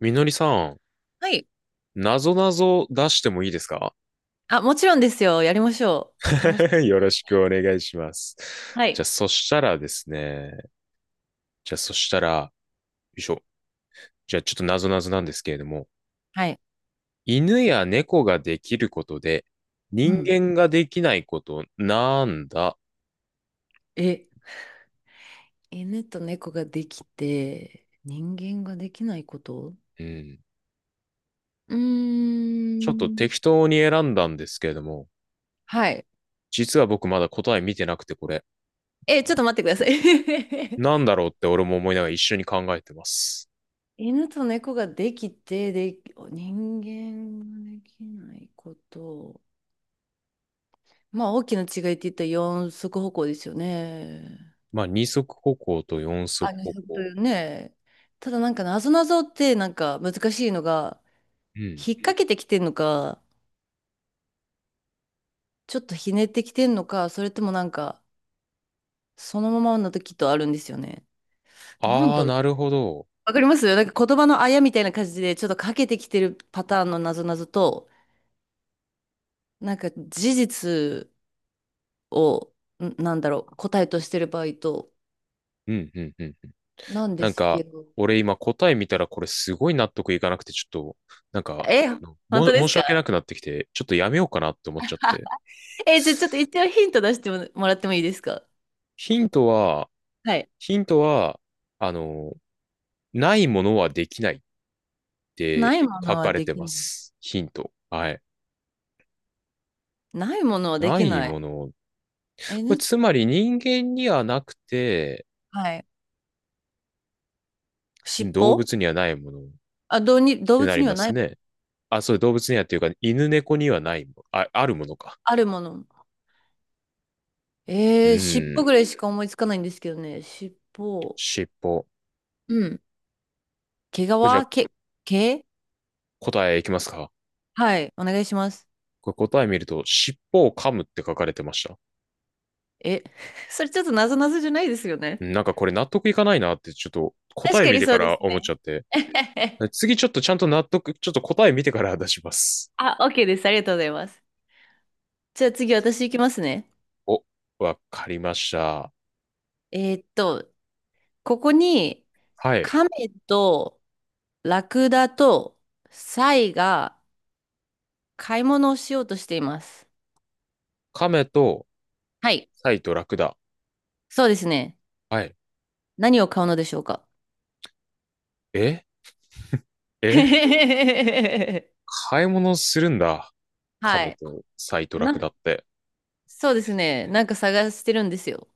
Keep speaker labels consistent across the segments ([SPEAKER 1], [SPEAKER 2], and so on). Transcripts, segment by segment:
[SPEAKER 1] みのりさん、
[SPEAKER 2] はい。
[SPEAKER 1] なぞなぞ出してもいいですか？
[SPEAKER 2] あ、もちろんですよ。やりましょう。面白 そ
[SPEAKER 1] よ
[SPEAKER 2] うで
[SPEAKER 1] ろ
[SPEAKER 2] す
[SPEAKER 1] しくお
[SPEAKER 2] ね。
[SPEAKER 1] 願いします。
[SPEAKER 2] はい。
[SPEAKER 1] じゃあ、そしたらですね、じゃあ、そしたら、よいしょ。じゃあ、ちょっとなぞなぞなんですけれども、
[SPEAKER 2] はい。
[SPEAKER 1] 犬や猫ができることで、
[SPEAKER 2] う
[SPEAKER 1] 人
[SPEAKER 2] ん。
[SPEAKER 1] 間ができないこと、なんだ？
[SPEAKER 2] え、犬と猫ができて、人間ができないこと？
[SPEAKER 1] うん。
[SPEAKER 2] うー
[SPEAKER 1] ちょっと
[SPEAKER 2] ん。
[SPEAKER 1] 適当に選んだんですけれども、
[SPEAKER 2] はい。
[SPEAKER 1] 実は僕まだ答え見てなくて、これ、
[SPEAKER 2] え、ちょっと待ってください。
[SPEAKER 1] なんだろうって俺も思いながら一緒に考えてます。
[SPEAKER 2] 犬と猫ができて、で、人間ができないこと。まあ、大きな違いって言ったら四足歩行ですよね。
[SPEAKER 1] まあ、二足歩行と四
[SPEAKER 2] あ、
[SPEAKER 1] 足
[SPEAKER 2] 二
[SPEAKER 1] 歩
[SPEAKER 2] 足とい
[SPEAKER 1] 行。
[SPEAKER 2] うね。ただなんかなぞなぞってなんか難しいのが、
[SPEAKER 1] うん。
[SPEAKER 2] 引っ掛けてきてんのか、ちょっとひねってきてんのか、それともなんか、そのままの時とあるんですよね。なん
[SPEAKER 1] あ
[SPEAKER 2] だ
[SPEAKER 1] あ、
[SPEAKER 2] ろう。
[SPEAKER 1] なるほど。
[SPEAKER 2] わかります。なんか言葉のあやみたいな感じで、ちょっとかけてきてるパターンのなぞなぞと、なんか事実を、なんだろう、答えとしてる場合と、
[SPEAKER 1] うんうんうん。
[SPEAKER 2] なんで
[SPEAKER 1] なん
[SPEAKER 2] すけ
[SPEAKER 1] か、
[SPEAKER 2] ど。
[SPEAKER 1] 俺今答え見たらこれすごい納得いかなくて、ちょっと、なんか、
[SPEAKER 2] え、
[SPEAKER 1] あの
[SPEAKER 2] 本
[SPEAKER 1] も、
[SPEAKER 2] 当で
[SPEAKER 1] 申
[SPEAKER 2] す
[SPEAKER 1] し
[SPEAKER 2] か？
[SPEAKER 1] 訳なくなってきて、ちょっとやめようかなって思っちゃって。
[SPEAKER 2] え、じゃあちょっと一応ヒント出してもらってもいいですか？
[SPEAKER 1] ヒントは、
[SPEAKER 2] はい。
[SPEAKER 1] ヒントは、あの、ないものはできないっ
[SPEAKER 2] な
[SPEAKER 1] て
[SPEAKER 2] いも
[SPEAKER 1] 書
[SPEAKER 2] のは
[SPEAKER 1] かれ
[SPEAKER 2] で
[SPEAKER 1] て
[SPEAKER 2] き
[SPEAKER 1] ま
[SPEAKER 2] ない。
[SPEAKER 1] す。ヒント。はい。
[SPEAKER 2] ないものはで
[SPEAKER 1] な
[SPEAKER 2] き
[SPEAKER 1] い
[SPEAKER 2] ない。
[SPEAKER 1] もの。
[SPEAKER 2] え、
[SPEAKER 1] これ
[SPEAKER 2] ね、
[SPEAKER 1] つまり人間にはなくて、
[SPEAKER 2] はい。尻
[SPEAKER 1] 動
[SPEAKER 2] 尾。
[SPEAKER 1] 物にはないものっ
[SPEAKER 2] あ、どうに、動
[SPEAKER 1] てな
[SPEAKER 2] 物
[SPEAKER 1] り
[SPEAKER 2] には
[SPEAKER 1] ま
[SPEAKER 2] な
[SPEAKER 1] す
[SPEAKER 2] い？
[SPEAKER 1] ね。あ、そう、動物にはっていうか、犬猫にはないもの。あ、あるものか。
[SPEAKER 2] あるもの。
[SPEAKER 1] う
[SPEAKER 2] 尻尾
[SPEAKER 1] ん。
[SPEAKER 2] ぐらいしか思いつかないんですけどね。尻尾。
[SPEAKER 1] 尻尾。
[SPEAKER 2] うん。
[SPEAKER 1] これじゃ
[SPEAKER 2] 毛
[SPEAKER 1] あ
[SPEAKER 2] 皮。毛、毛。
[SPEAKER 1] 答えいきますか？
[SPEAKER 2] はい。お願いします。
[SPEAKER 1] これ答え見ると、尻尾を噛むって書かれてました。
[SPEAKER 2] え、それちょっとなぞなぞじゃないですよね。
[SPEAKER 1] なんかこれ納得いかないなってちょっと答
[SPEAKER 2] 確
[SPEAKER 1] え
[SPEAKER 2] か
[SPEAKER 1] 見
[SPEAKER 2] に
[SPEAKER 1] て
[SPEAKER 2] そ
[SPEAKER 1] か
[SPEAKER 2] うで
[SPEAKER 1] ら
[SPEAKER 2] す
[SPEAKER 1] 思っ
[SPEAKER 2] ね。
[SPEAKER 1] ちゃって。次ちょっとちゃんと納得、ちょっと答え見てから出します。
[SPEAKER 2] あ、OK です。ありがとうございます。じゃあ次私行きますね。
[SPEAKER 1] お、わかりました。
[SPEAKER 2] えーっと、ここに
[SPEAKER 1] はい。
[SPEAKER 2] 亀とラクダとサイが買い物をしようとしています。
[SPEAKER 1] 亀と
[SPEAKER 2] はい。
[SPEAKER 1] サイとラクダ。
[SPEAKER 2] そうですね。
[SPEAKER 1] はい。
[SPEAKER 2] 何を買うのでしょうか？
[SPEAKER 1] ええ、 買い物するんだ。
[SPEAKER 2] は
[SPEAKER 1] 亀
[SPEAKER 2] い。
[SPEAKER 1] とサイとラ
[SPEAKER 2] な、
[SPEAKER 1] クダって。
[SPEAKER 2] そうですね。なんか探してるんですよ。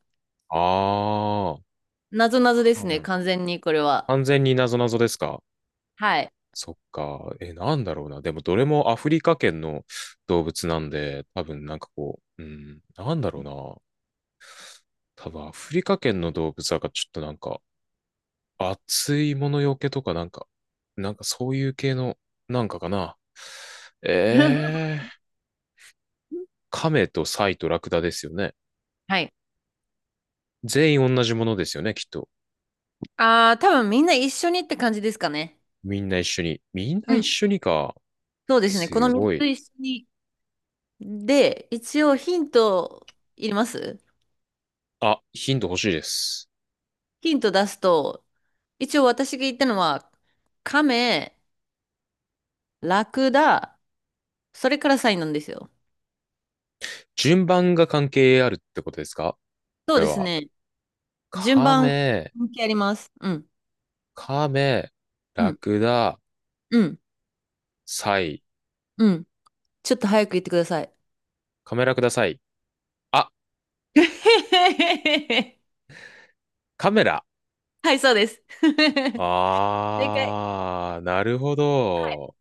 [SPEAKER 1] あー。
[SPEAKER 2] なぞなぞです
[SPEAKER 1] 完
[SPEAKER 2] ね。完全にこれは。
[SPEAKER 1] 完全に謎謎ですか？
[SPEAKER 2] はい。
[SPEAKER 1] そっか。え、なんだろうな。でも、どれもアフリカ圏の動物なんで、多分なんかこう、うん、なんだろうな。多分アフリカ圏の動物だからちょっとなんか、熱いものよけとかなんか、なんかそういう系の、なんかかな。えー、カメとサイとラクダですよね。
[SPEAKER 2] はい。
[SPEAKER 1] 全員同じものですよね、きっと。
[SPEAKER 2] ああ、多分みんな一緒にって感じですかね。
[SPEAKER 1] みんな一緒に。みんな
[SPEAKER 2] う
[SPEAKER 1] 一
[SPEAKER 2] ん。
[SPEAKER 1] 緒にか。
[SPEAKER 2] そうですね。この
[SPEAKER 1] す
[SPEAKER 2] 3
[SPEAKER 1] ご
[SPEAKER 2] つ
[SPEAKER 1] い。
[SPEAKER 2] 一緒に。で、一応ヒントいります？
[SPEAKER 1] あ、ヒント欲しいです。
[SPEAKER 2] ヒント出すと、一応私が言ったのは、亀、ラクダ、それからサイなんですよ。
[SPEAKER 1] 順番が関係あるってことですか、
[SPEAKER 2] そ
[SPEAKER 1] こ
[SPEAKER 2] う
[SPEAKER 1] れ
[SPEAKER 2] です
[SPEAKER 1] は？
[SPEAKER 2] ね。順
[SPEAKER 1] カ
[SPEAKER 2] 番
[SPEAKER 1] メ、
[SPEAKER 2] 関係あります。うん。
[SPEAKER 1] カメ、
[SPEAKER 2] う
[SPEAKER 1] ラ
[SPEAKER 2] ん。
[SPEAKER 1] クダ、
[SPEAKER 2] うん。
[SPEAKER 1] サイ、
[SPEAKER 2] うん。ちょっと早く言ってください。
[SPEAKER 1] カメラください。あ、カメラ。
[SPEAKER 2] はい、そうです。なんか、
[SPEAKER 1] あー、なるほど。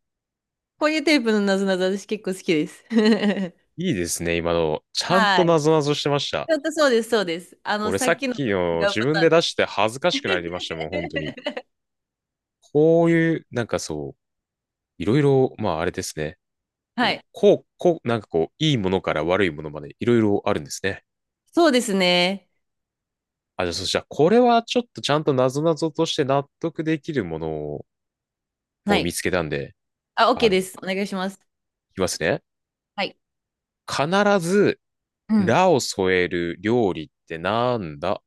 [SPEAKER 2] こういうテープのなぞなぞ、私結構好きです。
[SPEAKER 1] いいですね、今の。ちゃんと
[SPEAKER 2] はい。
[SPEAKER 1] なぞなぞしてました。
[SPEAKER 2] ちょっとそうです、そうです。あの、
[SPEAKER 1] 俺
[SPEAKER 2] さ
[SPEAKER 1] さ
[SPEAKER 2] っ
[SPEAKER 1] っ
[SPEAKER 2] きの
[SPEAKER 1] き
[SPEAKER 2] と違
[SPEAKER 1] の
[SPEAKER 2] う
[SPEAKER 1] 自
[SPEAKER 2] パ
[SPEAKER 1] 分
[SPEAKER 2] ターン
[SPEAKER 1] で出
[SPEAKER 2] です。
[SPEAKER 1] して恥ずかしくなりましたもん、本当に。こういう、なんかそう、いろいろ、まああれですね。
[SPEAKER 2] は
[SPEAKER 1] こう、
[SPEAKER 2] い。
[SPEAKER 1] こう、こうなんかこう、いいものから悪いものまでいろいろあるんですね。
[SPEAKER 2] そうですね。
[SPEAKER 1] あ、じゃあそしたら、これはちょっとちゃんとなぞなぞとして納得できるものを
[SPEAKER 2] は
[SPEAKER 1] 見
[SPEAKER 2] い。
[SPEAKER 1] つけたんで、
[SPEAKER 2] あ、OK
[SPEAKER 1] い
[SPEAKER 2] です。お願いします。
[SPEAKER 1] きますね。
[SPEAKER 2] はい。
[SPEAKER 1] 必ず、
[SPEAKER 2] うん。
[SPEAKER 1] ラを添える料理ってなんだ？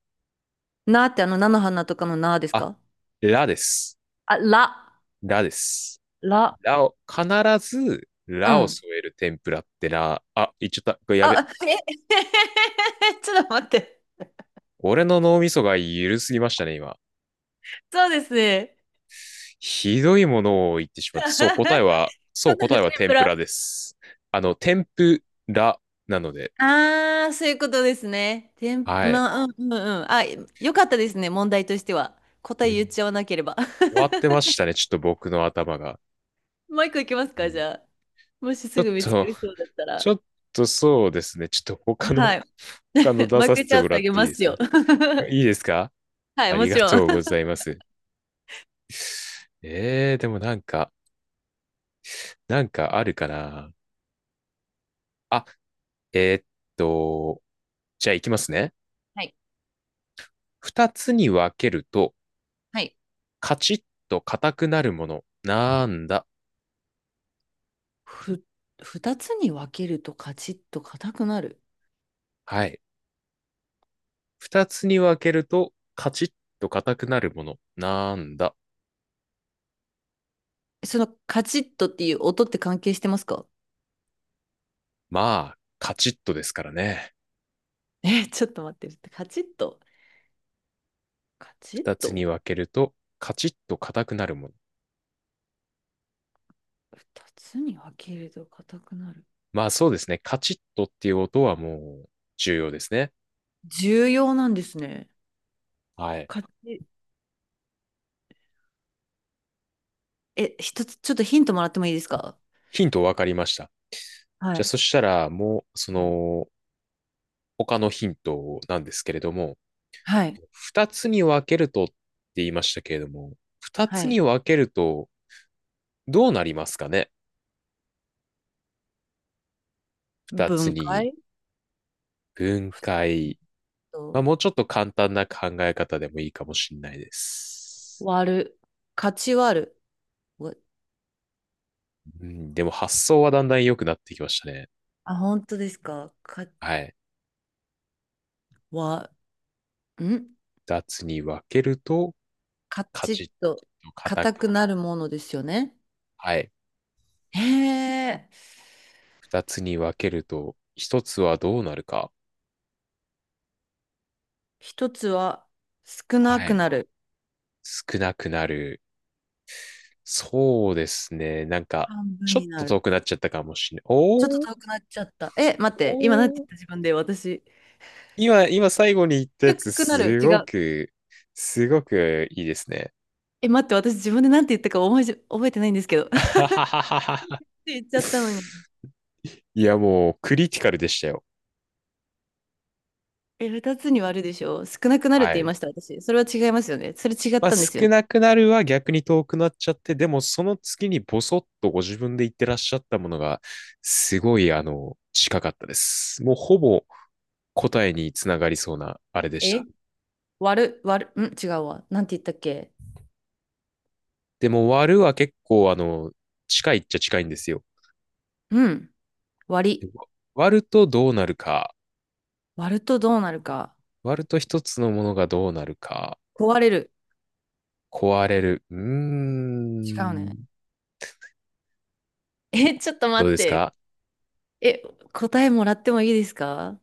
[SPEAKER 2] なーってあの、菜の花とかのなーです
[SPEAKER 1] あ、
[SPEAKER 2] か？
[SPEAKER 1] ラです。
[SPEAKER 2] あ、ら、
[SPEAKER 1] ラです。
[SPEAKER 2] ら。
[SPEAKER 1] ラを、必ず、
[SPEAKER 2] う
[SPEAKER 1] ラを
[SPEAKER 2] ん。
[SPEAKER 1] 添える天ぷらってな、あ、言っちゃった。これやべ。
[SPEAKER 2] あ、え ちょっと待って。
[SPEAKER 1] 俺の脳みそが緩すぎましたね、今。
[SPEAKER 2] そうですね。
[SPEAKER 1] ひどいものを言ってしまった。そう、答えは、そ
[SPEAKER 2] そ
[SPEAKER 1] う、
[SPEAKER 2] んな天
[SPEAKER 1] 答
[SPEAKER 2] の
[SPEAKER 1] え
[SPEAKER 2] シ
[SPEAKER 1] は
[SPEAKER 2] ンプ
[SPEAKER 1] 天ぷ
[SPEAKER 2] ら。
[SPEAKER 1] らです。天ぷらなので、
[SPEAKER 2] ああ、そういうことですね。てん、
[SPEAKER 1] はい。
[SPEAKER 2] まあ、うんうんうん。あ、よかったですね、問題としては。
[SPEAKER 1] う
[SPEAKER 2] 答え言っ
[SPEAKER 1] ん。
[SPEAKER 2] ちゃわなければ。
[SPEAKER 1] 終わってましたね、ちょっと僕の頭が。
[SPEAKER 2] もう一個いきます
[SPEAKER 1] う
[SPEAKER 2] か、じ
[SPEAKER 1] ん。
[SPEAKER 2] ゃあ。もし
[SPEAKER 1] ちょ
[SPEAKER 2] す
[SPEAKER 1] っ
[SPEAKER 2] ぐ見つか
[SPEAKER 1] と、
[SPEAKER 2] りそうだったら。
[SPEAKER 1] ちょっとそうですね。ちょっと他の、
[SPEAKER 2] はい。
[SPEAKER 1] 出
[SPEAKER 2] マイ
[SPEAKER 1] さ
[SPEAKER 2] ク
[SPEAKER 1] せ
[SPEAKER 2] チ
[SPEAKER 1] て
[SPEAKER 2] ャン
[SPEAKER 1] も
[SPEAKER 2] ス
[SPEAKER 1] ら
[SPEAKER 2] あ
[SPEAKER 1] っ
[SPEAKER 2] げ
[SPEAKER 1] ていい
[SPEAKER 2] ま
[SPEAKER 1] です
[SPEAKER 2] す
[SPEAKER 1] か？
[SPEAKER 2] よ。
[SPEAKER 1] いいですか？
[SPEAKER 2] はい、
[SPEAKER 1] あ
[SPEAKER 2] も
[SPEAKER 1] り
[SPEAKER 2] ち
[SPEAKER 1] が
[SPEAKER 2] ろん。
[SPEAKER 1] とうございます。でもなんか、あるかな。あ、えーっと、じゃあいきますね。
[SPEAKER 2] はい。
[SPEAKER 1] 二つに分けると、
[SPEAKER 2] はい。
[SPEAKER 1] カチッと硬くなるもの。なんだ？
[SPEAKER 2] ふ、二つに分けるとカチッと硬くなる。
[SPEAKER 1] はい。二つに分けると、カチッと硬くなるもの。なんだ？
[SPEAKER 2] そのカチッとっていう音って関係してますか？
[SPEAKER 1] まあ、カチッとですからね。
[SPEAKER 2] え、ちょっと待って。カチッと。カチッ
[SPEAKER 1] 二つ
[SPEAKER 2] と。
[SPEAKER 1] に分けると、カチッと硬くなるもの。
[SPEAKER 2] 二つに分けると硬くなる。
[SPEAKER 1] まあそうですね。カチッとっていう音はもう重要ですね。
[SPEAKER 2] 重要なんですね。
[SPEAKER 1] はい。
[SPEAKER 2] かち、え、一つ、ちょっとヒントもらってもいいですか？
[SPEAKER 1] ヒント分かりました。
[SPEAKER 2] は
[SPEAKER 1] じゃあ
[SPEAKER 2] い。
[SPEAKER 1] そしたらもうそ
[SPEAKER 2] うん。
[SPEAKER 1] の他のヒントなんですけれども、
[SPEAKER 2] はい。
[SPEAKER 1] 二つに分けるとって言いましたけれども、二
[SPEAKER 2] は
[SPEAKER 1] つ
[SPEAKER 2] い。
[SPEAKER 1] に分けるとどうなりますかね？二つ
[SPEAKER 2] 分
[SPEAKER 1] に
[SPEAKER 2] 解。
[SPEAKER 1] 分
[SPEAKER 2] ふ
[SPEAKER 1] 解。まあ
[SPEAKER 2] と、
[SPEAKER 1] もうちょっと簡単な考え方でもいいかもしれないです。
[SPEAKER 2] 割る。勝ち割る。わ
[SPEAKER 1] うん、でも発想はだんだん良くなってきましたね。
[SPEAKER 2] あ、本当ですか
[SPEAKER 1] はい。
[SPEAKER 2] わ、ん
[SPEAKER 1] 二つに分けると、
[SPEAKER 2] カ
[SPEAKER 1] カ
[SPEAKER 2] チ
[SPEAKER 1] チ
[SPEAKER 2] ッ
[SPEAKER 1] ッ
[SPEAKER 2] と、
[SPEAKER 1] と硬
[SPEAKER 2] 硬
[SPEAKER 1] く、
[SPEAKER 2] くなるものですよね。
[SPEAKER 1] はい。
[SPEAKER 2] へえ。
[SPEAKER 1] 二つに分けると、一つはどうなるか？
[SPEAKER 2] 一つは、少な
[SPEAKER 1] は
[SPEAKER 2] く
[SPEAKER 1] い。
[SPEAKER 2] なる。
[SPEAKER 1] 少なくなる。そうですね。なんか、
[SPEAKER 2] 半分
[SPEAKER 1] ちょっ
[SPEAKER 2] に
[SPEAKER 1] と
[SPEAKER 2] な
[SPEAKER 1] 遠
[SPEAKER 2] る。
[SPEAKER 1] くなっちゃったかもしれない。
[SPEAKER 2] ちょっと
[SPEAKER 1] おー、
[SPEAKER 2] 遠くなっちゃった。え、待って、今なんて
[SPEAKER 1] おー。
[SPEAKER 2] 言った自分で、私。
[SPEAKER 1] 今最後に言ったや
[SPEAKER 2] 低
[SPEAKER 1] つ、
[SPEAKER 2] くなる。
[SPEAKER 1] す
[SPEAKER 2] 違
[SPEAKER 1] ご
[SPEAKER 2] う。
[SPEAKER 1] く、すごくいいですね。
[SPEAKER 2] え、待って、私自分でなんて言ったか覚えじ、覚えてないんですけど。っ て言っちゃったのに。
[SPEAKER 1] いや、もう、クリティカルでしたよ。
[SPEAKER 2] え、二つに割るでしょ少なくなるって
[SPEAKER 1] は
[SPEAKER 2] 言い
[SPEAKER 1] い。
[SPEAKER 2] ました、私。それは違いますよね。それ違っ
[SPEAKER 1] まあ、
[SPEAKER 2] たんで
[SPEAKER 1] 少
[SPEAKER 2] すよね。
[SPEAKER 1] なくなるは逆に遠くなっちゃって、でもその次にボソッとご自分で言ってらっしゃったものが、すごい、近かったです。もうほぼ答えにつながりそうな、あれでし
[SPEAKER 2] え、
[SPEAKER 1] た。
[SPEAKER 2] 割る、割る、うん、違うわ。なんて言ったっけ？
[SPEAKER 1] でも割るは結構、近いっちゃ近いんですよ。
[SPEAKER 2] うん、割り。
[SPEAKER 1] 割るとどうなるか、
[SPEAKER 2] 割るとどうなるか。
[SPEAKER 1] 割ると一つのものがどうなるか、
[SPEAKER 2] 壊れる。
[SPEAKER 1] 壊れる。うー
[SPEAKER 2] 違うね。
[SPEAKER 1] ん。
[SPEAKER 2] え、ちょっと
[SPEAKER 1] どう
[SPEAKER 2] 待っ
[SPEAKER 1] です
[SPEAKER 2] て。
[SPEAKER 1] か？
[SPEAKER 2] え、答えもらってもいいですか？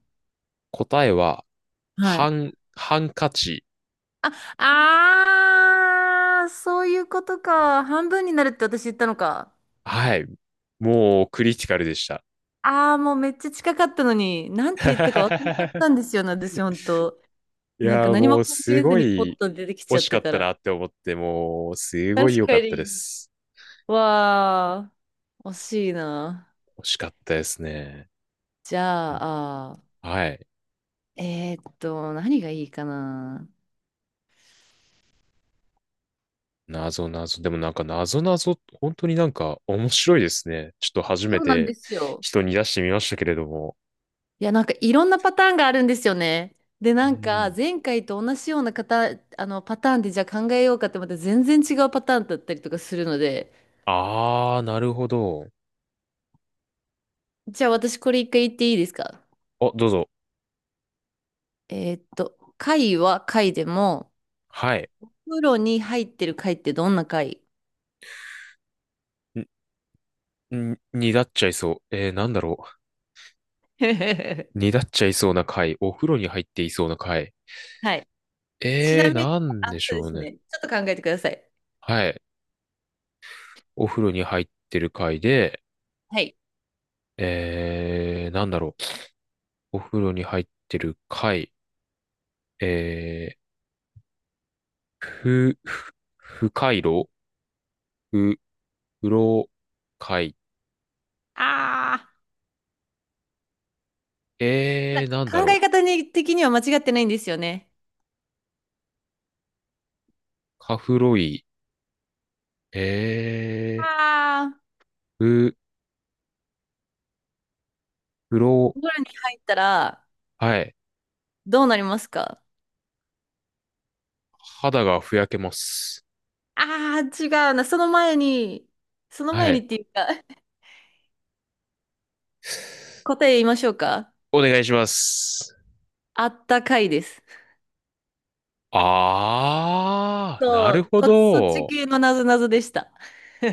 [SPEAKER 1] 答えは、
[SPEAKER 2] はい。
[SPEAKER 1] ハンカチ。
[SPEAKER 2] あ、あー、そういうことか。半分になるって私言ったのか。
[SPEAKER 1] はい。もうクリティカルでした。
[SPEAKER 2] ああもうめっちゃ近かったのに、なんて言ったか忘れちゃっ たんですよね、私、本当。
[SPEAKER 1] い
[SPEAKER 2] なんか
[SPEAKER 1] やー、
[SPEAKER 2] 何
[SPEAKER 1] も
[SPEAKER 2] も
[SPEAKER 1] う
[SPEAKER 2] 考
[SPEAKER 1] す
[SPEAKER 2] えず
[SPEAKER 1] ご
[SPEAKER 2] にポッ
[SPEAKER 1] い
[SPEAKER 2] と出てきち
[SPEAKER 1] 惜
[SPEAKER 2] ゃっ
[SPEAKER 1] し
[SPEAKER 2] た
[SPEAKER 1] かっ
[SPEAKER 2] か
[SPEAKER 1] たな
[SPEAKER 2] ら。
[SPEAKER 1] って思って、もうすごい
[SPEAKER 2] 確
[SPEAKER 1] 良か
[SPEAKER 2] か
[SPEAKER 1] ったで
[SPEAKER 2] に。
[SPEAKER 1] す。
[SPEAKER 2] わー、惜しいな。
[SPEAKER 1] 惜しかったですね。
[SPEAKER 2] じゃあ、
[SPEAKER 1] はい。
[SPEAKER 2] 何がいいかな。
[SPEAKER 1] 謎謎。でもなんか謎謎、本当になんか面白いですね。ちょっと初
[SPEAKER 2] そ
[SPEAKER 1] め
[SPEAKER 2] うなんで
[SPEAKER 1] て
[SPEAKER 2] すよ。
[SPEAKER 1] 人に出してみましたけれども。
[SPEAKER 2] いや、なんかいろんなパターンがあるんですよね。で、
[SPEAKER 1] う
[SPEAKER 2] なんか
[SPEAKER 1] ん。
[SPEAKER 2] 前回と同じような方、あのパターンでじゃあ考えようかってまた全然違うパターンだったりとかするので、
[SPEAKER 1] あー、なるほど。
[SPEAKER 2] じゃあ私これ一回言っていいですか？
[SPEAKER 1] あ、どうぞ。
[SPEAKER 2] 貝は貝でも、
[SPEAKER 1] はい。
[SPEAKER 2] プロに入ってる貝ってどんな貝？
[SPEAKER 1] にだっちゃいそう。なんだろ
[SPEAKER 2] は
[SPEAKER 1] う。にだっちゃいそうな回。お風呂に入っていそうな回。
[SPEAKER 2] い。ちなみに、
[SPEAKER 1] なんで
[SPEAKER 2] あ、
[SPEAKER 1] し
[SPEAKER 2] そうで
[SPEAKER 1] ょう
[SPEAKER 2] す
[SPEAKER 1] ね。
[SPEAKER 2] ね。ちょっと考えてください。
[SPEAKER 1] はい。お風呂に入ってる回で、
[SPEAKER 2] はい。
[SPEAKER 1] なんだろう。お風呂に入ってる回、えー、ふ、ふ、不快炉、ふ、風呂会。
[SPEAKER 2] あ、なん
[SPEAKER 1] なんだ
[SPEAKER 2] か考え
[SPEAKER 1] ろう。
[SPEAKER 2] 方に的には間違ってないんですよね。
[SPEAKER 1] カフロイ。え
[SPEAKER 2] あ、ああ、
[SPEAKER 1] ー、ふ、風呂、
[SPEAKER 2] お風呂に入ったら
[SPEAKER 1] はい。
[SPEAKER 2] どうなりますか？
[SPEAKER 1] 肌がふやけます。
[SPEAKER 2] ああー、違うな。その前に、その
[SPEAKER 1] は
[SPEAKER 2] 前に
[SPEAKER 1] い。
[SPEAKER 2] っていうか、答え言いましょうか。
[SPEAKER 1] お願いします。
[SPEAKER 2] あったかいです。
[SPEAKER 1] あー、な
[SPEAKER 2] そ
[SPEAKER 1] る
[SPEAKER 2] う、
[SPEAKER 1] ほ
[SPEAKER 2] そっち
[SPEAKER 1] ど。
[SPEAKER 2] 系のなぞなぞでした。